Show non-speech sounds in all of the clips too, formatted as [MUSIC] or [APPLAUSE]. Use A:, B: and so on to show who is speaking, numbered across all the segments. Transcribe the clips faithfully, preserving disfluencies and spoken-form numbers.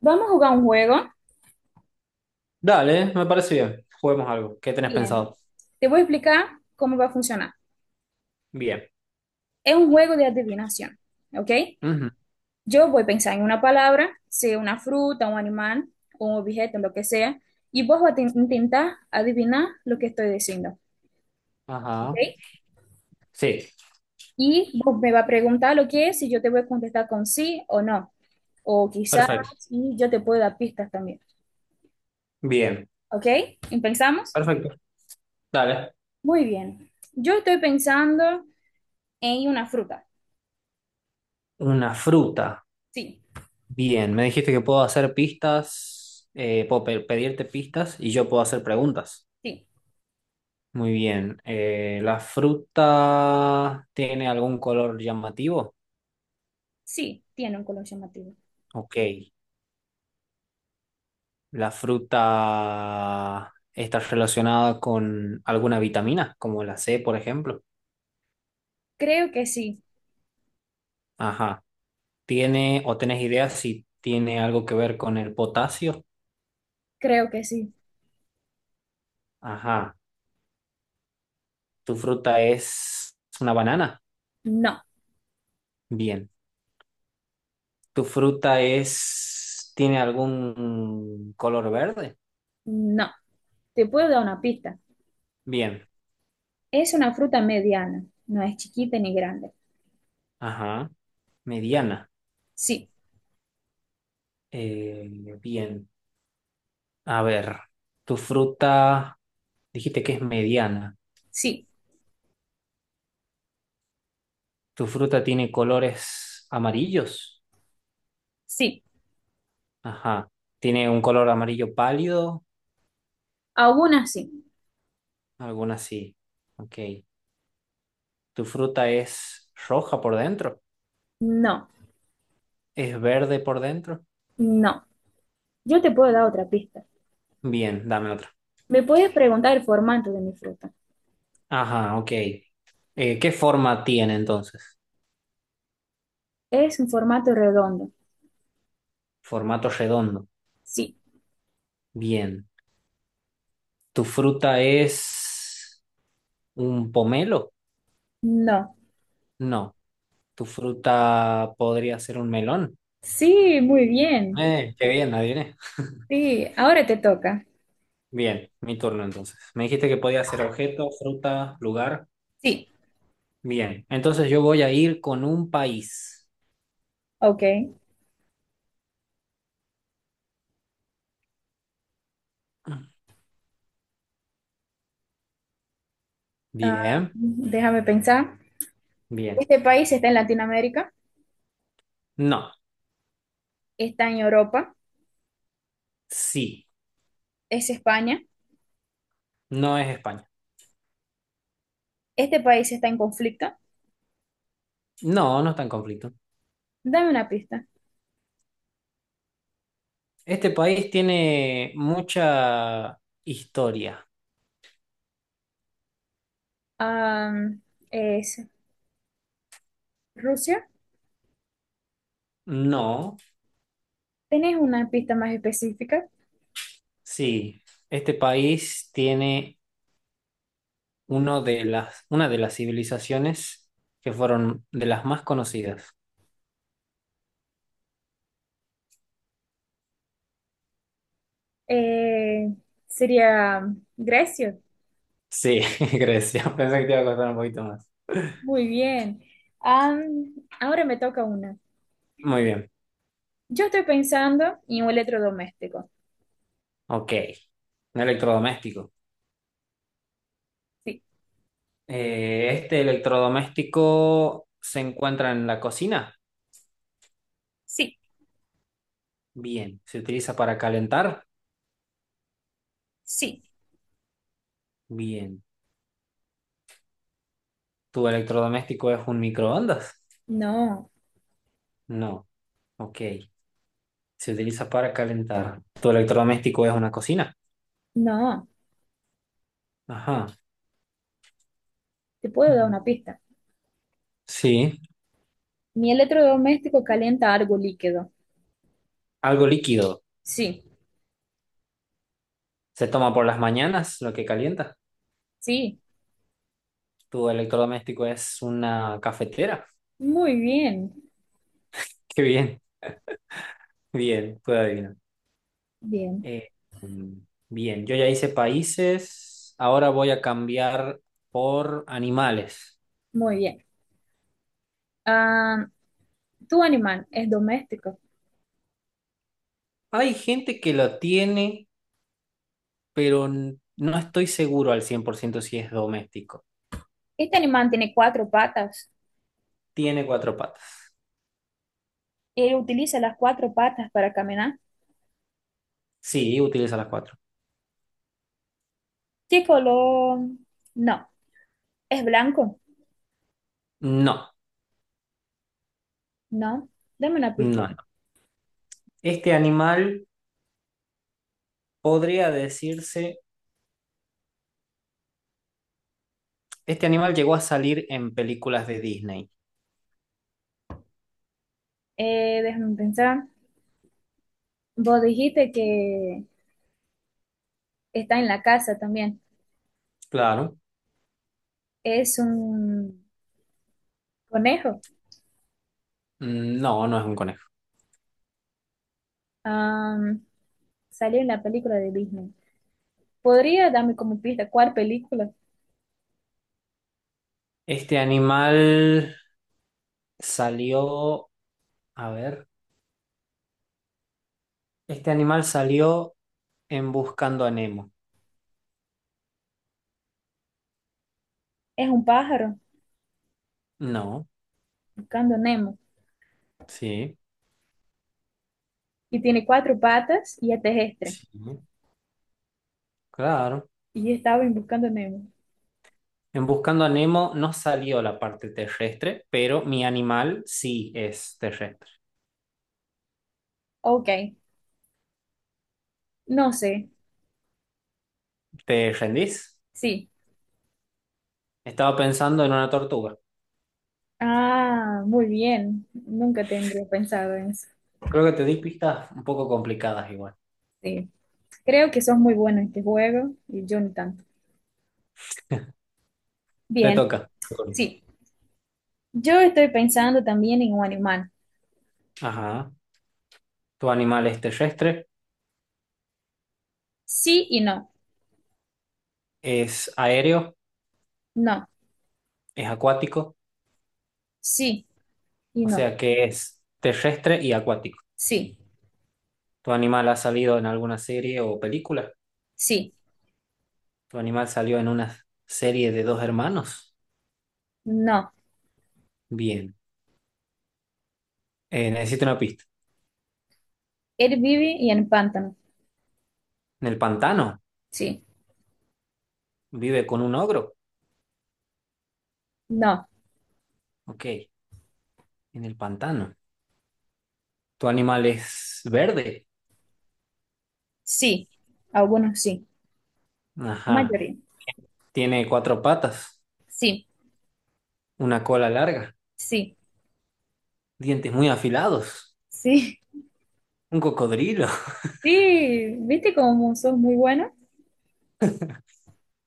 A: Vamos a jugar un juego.
B: Dale, me parece bien. Juguemos algo. ¿Qué tenés
A: Bien,
B: pensado?
A: te voy a explicar cómo va a funcionar.
B: Bien.
A: Es un juego de adivinación, ¿ok?
B: Ujú.
A: Yo voy a pensar en una palabra, sea una fruta, un animal, un objeto, lo que sea, y vos vas a te- intentar adivinar lo que estoy diciendo, ¿ok?
B: Ajá. Sí,
A: Y vos me vas a preguntar lo que es y yo te voy a contestar con sí o no, o quizás,
B: perfecto.
A: y yo te puedo dar pistas también,
B: Bien.
A: ¿ok? ¿Y ¿Pensamos?
B: Perfecto. Dale.
A: Muy bien. Yo estoy pensando en una fruta.
B: Una fruta.
A: Sí,
B: Bien. Me dijiste que puedo hacer pistas, eh, puedo pe- pedirte pistas y yo puedo hacer preguntas.
A: sí.
B: Muy bien. Eh, ¿la fruta tiene algún color llamativo?
A: Sí, tiene un color llamativo.
B: Ok. ¿La fruta está relacionada con alguna vitamina, como la C, por ejemplo?
A: Creo que sí,
B: Ajá. Tiene, o tenés idea si tiene algo que ver con el potasio.
A: creo que sí.
B: Ajá. ¿Tu fruta es una banana?
A: No,
B: Bien. ¿Tu fruta es, tiene algún color verde?
A: no. Te puedo dar una pista.
B: Bien.
A: Es una fruta mediana, no es chiquita ni grande.
B: Ajá. Mediana.
A: Sí,
B: Eh, bien. A ver. ¿Tu fruta, dijiste que es mediana?
A: sí,
B: ¿Tu fruta tiene colores amarillos?
A: sí.
B: Ajá. ¿Tiene un color amarillo pálido?
A: Algunas sí.
B: Alguna así. Ok. ¿Tu fruta es roja por dentro?
A: No,
B: Es verde por dentro.
A: no. Yo te puedo dar otra pista.
B: Bien, dame otra.
A: Me puedes preguntar el formato de mi fruta.
B: Ajá, ok. Eh, ¿qué forma tiene entonces?
A: Es un formato redondo.
B: Formato redondo.
A: Sí,
B: Bien. ¿Tu fruta es un pomelo?
A: no.
B: No. ¿Tu fruta podría ser un melón?
A: Sí, muy bien.
B: Eh, qué bien, adiviné.
A: Sí, ahora te toca.
B: Bien, mi turno entonces. Me dijiste que podía ser objeto, fruta, lugar.
A: Sí,
B: Bien, entonces yo voy a ir con un país.
A: ok. Ah,
B: Bien,
A: déjame pensar.
B: bien.
A: Este país está en Latinoamérica.
B: No,
A: Está en Europa,
B: sí,
A: es España,
B: no es España.
A: este país está en conflicto.
B: No, no está en conflicto.
A: Dame una pista.
B: Este país tiene mucha historia.
A: Am, es Rusia.
B: No,
A: ¿Tenés una pista más específica?
B: sí. Este país tiene uno de las, una de las civilizaciones que fueron de las más conocidas.
A: Eh, sería Grecia.
B: Sí, [LAUGHS] Grecia. Pensé que te iba a costar un poquito más.
A: Muy bien. Am, ahora me toca una.
B: Muy bien.
A: Yo estoy pensando en un electrodoméstico.
B: Ok. Un electrodoméstico.
A: Sí,
B: Eh, este electrodoméstico se encuentra en la cocina.
A: sí,
B: Bien. ¿Se utiliza para calentar?
A: sí.
B: Bien. ¿Tu electrodoméstico es un microondas?
A: No,
B: No. Ok, se utiliza para calentar. Tu electrodoméstico es una cocina.
A: no.
B: Ajá.
A: Te puedo dar una pista.
B: Sí,
A: Mi electrodoméstico calienta algo líquido.
B: algo líquido.
A: Sí,
B: Se toma por las mañanas, lo que calienta.
A: sí.
B: Tu electrodoméstico es una cafetera.
A: Muy bien.
B: [LAUGHS] Qué bien, bien, puedo adivinar.
A: Bien.
B: Eh, mm, bien, yo ya hice países. Ahora voy a cambiar por animales.
A: Muy bien. Ah, tu animal es doméstico.
B: Hay gente que lo tiene, pero n- no estoy seguro al cien por ciento si es doméstico.
A: Este animal tiene cuatro patas.
B: Tiene cuatro patas.
A: Él utiliza las cuatro patas para caminar.
B: Sí, utiliza las cuatro.
A: ¿Qué color? No. ¿Es blanco?
B: No,
A: No. Dame una pista.
B: no, no. Este animal podría decirse, este animal llegó a salir en películas de Disney.
A: Eh, déjame pensar. Vos dijiste que está en la casa también.
B: Claro.
A: Es un conejo.
B: Mm, no, no es un conejo.
A: Ah, salió en la película de Disney. ¿Podría darme como pista cuál película?
B: Este animal salió, a ver, este animal salió en Buscando a Nemo.
A: Es un pájaro
B: No,
A: buscando Nemo
B: sí,
A: y tiene cuatro patas y es terrestre.
B: sí, claro.
A: Y estaba en buscando a Nemo.
B: En Buscando a Nemo no salió la parte terrestre, pero mi animal sí es terrestre.
A: Ok, no sé,
B: ¿Te rendís?
A: sí.
B: Estaba pensando en una tortuga.
A: Ah, muy bien. Nunca tendría pensado en eso.
B: Creo que te di pistas un poco complicadas igual.
A: Sí. Creo que sos muy bueno en este juego y yo ni tanto.
B: Te
A: Bien,
B: toca. Antonio.
A: sí. Yo estoy pensando también en un animal.
B: Ajá. ¿Tu animal es terrestre?
A: Sí y no.
B: ¿Es aéreo?
A: No.
B: ¿Es acuático?
A: Sí y
B: O
A: no.
B: sea, que es terrestre y acuático.
A: Sí.
B: ¿Tu animal ha salido en alguna serie o película?
A: Sí.
B: ¿Tu animal salió en una serie de dos hermanos?
A: No.
B: Bien. Eh, necesito una pista.
A: Él vive y en pantano.
B: ¿En el pantano?
A: Sí.
B: ¿Vive con un ogro?
A: No.
B: Ok. En el pantano. ¿Tu animal es verde?
A: Sí. Algunos sí. La
B: Ajá.
A: mayoría.
B: ¿Tiene cuatro patas?
A: Sí.
B: ¿Una cola larga?
A: Sí.
B: ¿Dientes muy afilados?
A: Sí. [LAUGHS]
B: Un cocodrilo. [LAUGHS]
A: Sí. ¿Viste cómo sos muy bueno?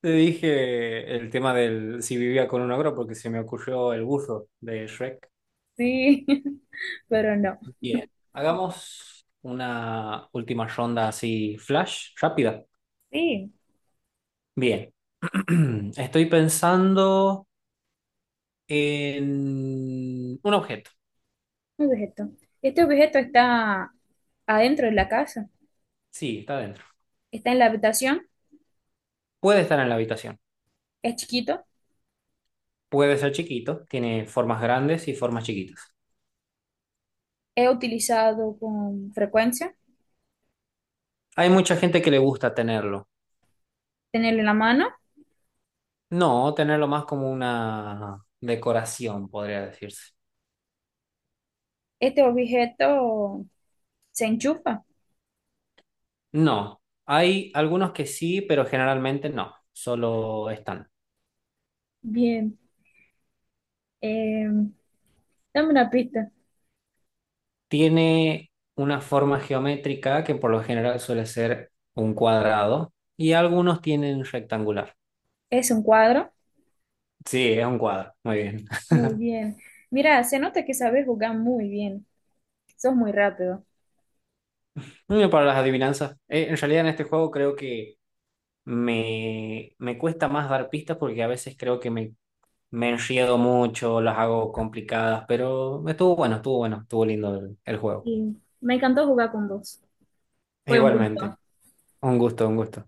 B: Te dije el tema del si vivía con un ogro porque se me ocurrió el buzo de Shrek.
A: Sí, [LAUGHS] pero no.
B: Bien. Hagamos una última ronda así flash, rápida.
A: Sí,
B: Bien. [CLEARS THROAT] Estoy pensando en un objeto.
A: un objeto. Este objeto está adentro de la casa,
B: Sí, está adentro.
A: está en la habitación,
B: Puede estar en la habitación.
A: es chiquito,
B: Puede ser chiquito. Tiene formas grandes y formas chiquitas.
A: es utilizado con frecuencia,
B: Hay mucha gente que le gusta tenerlo.
A: tenerlo en la mano.
B: No, tenerlo más como una decoración, podría decirse.
A: Este objeto se enchufa.
B: No, hay algunos que sí, pero generalmente no, solo están.
A: Bien, eh, dame una pista.
B: Tiene una forma geométrica que por lo general suele ser un cuadrado y algunos tienen rectangular.
A: Es un cuadro.
B: Sí, es un cuadro, muy bien.
A: Muy bien. Mira, se nota que sabes jugar muy bien. Sos muy rápido.
B: Muy bien para las adivinanzas. Eh, en realidad en este juego creo que me, me cuesta más dar pistas porque a veces creo que me, me enriedo mucho, las hago complicadas, pero estuvo bueno, estuvo bueno, estuvo lindo el el juego.
A: Y me encantó jugar con vos. Fue un
B: Igualmente,
A: gusto.
B: un gusto, un gusto.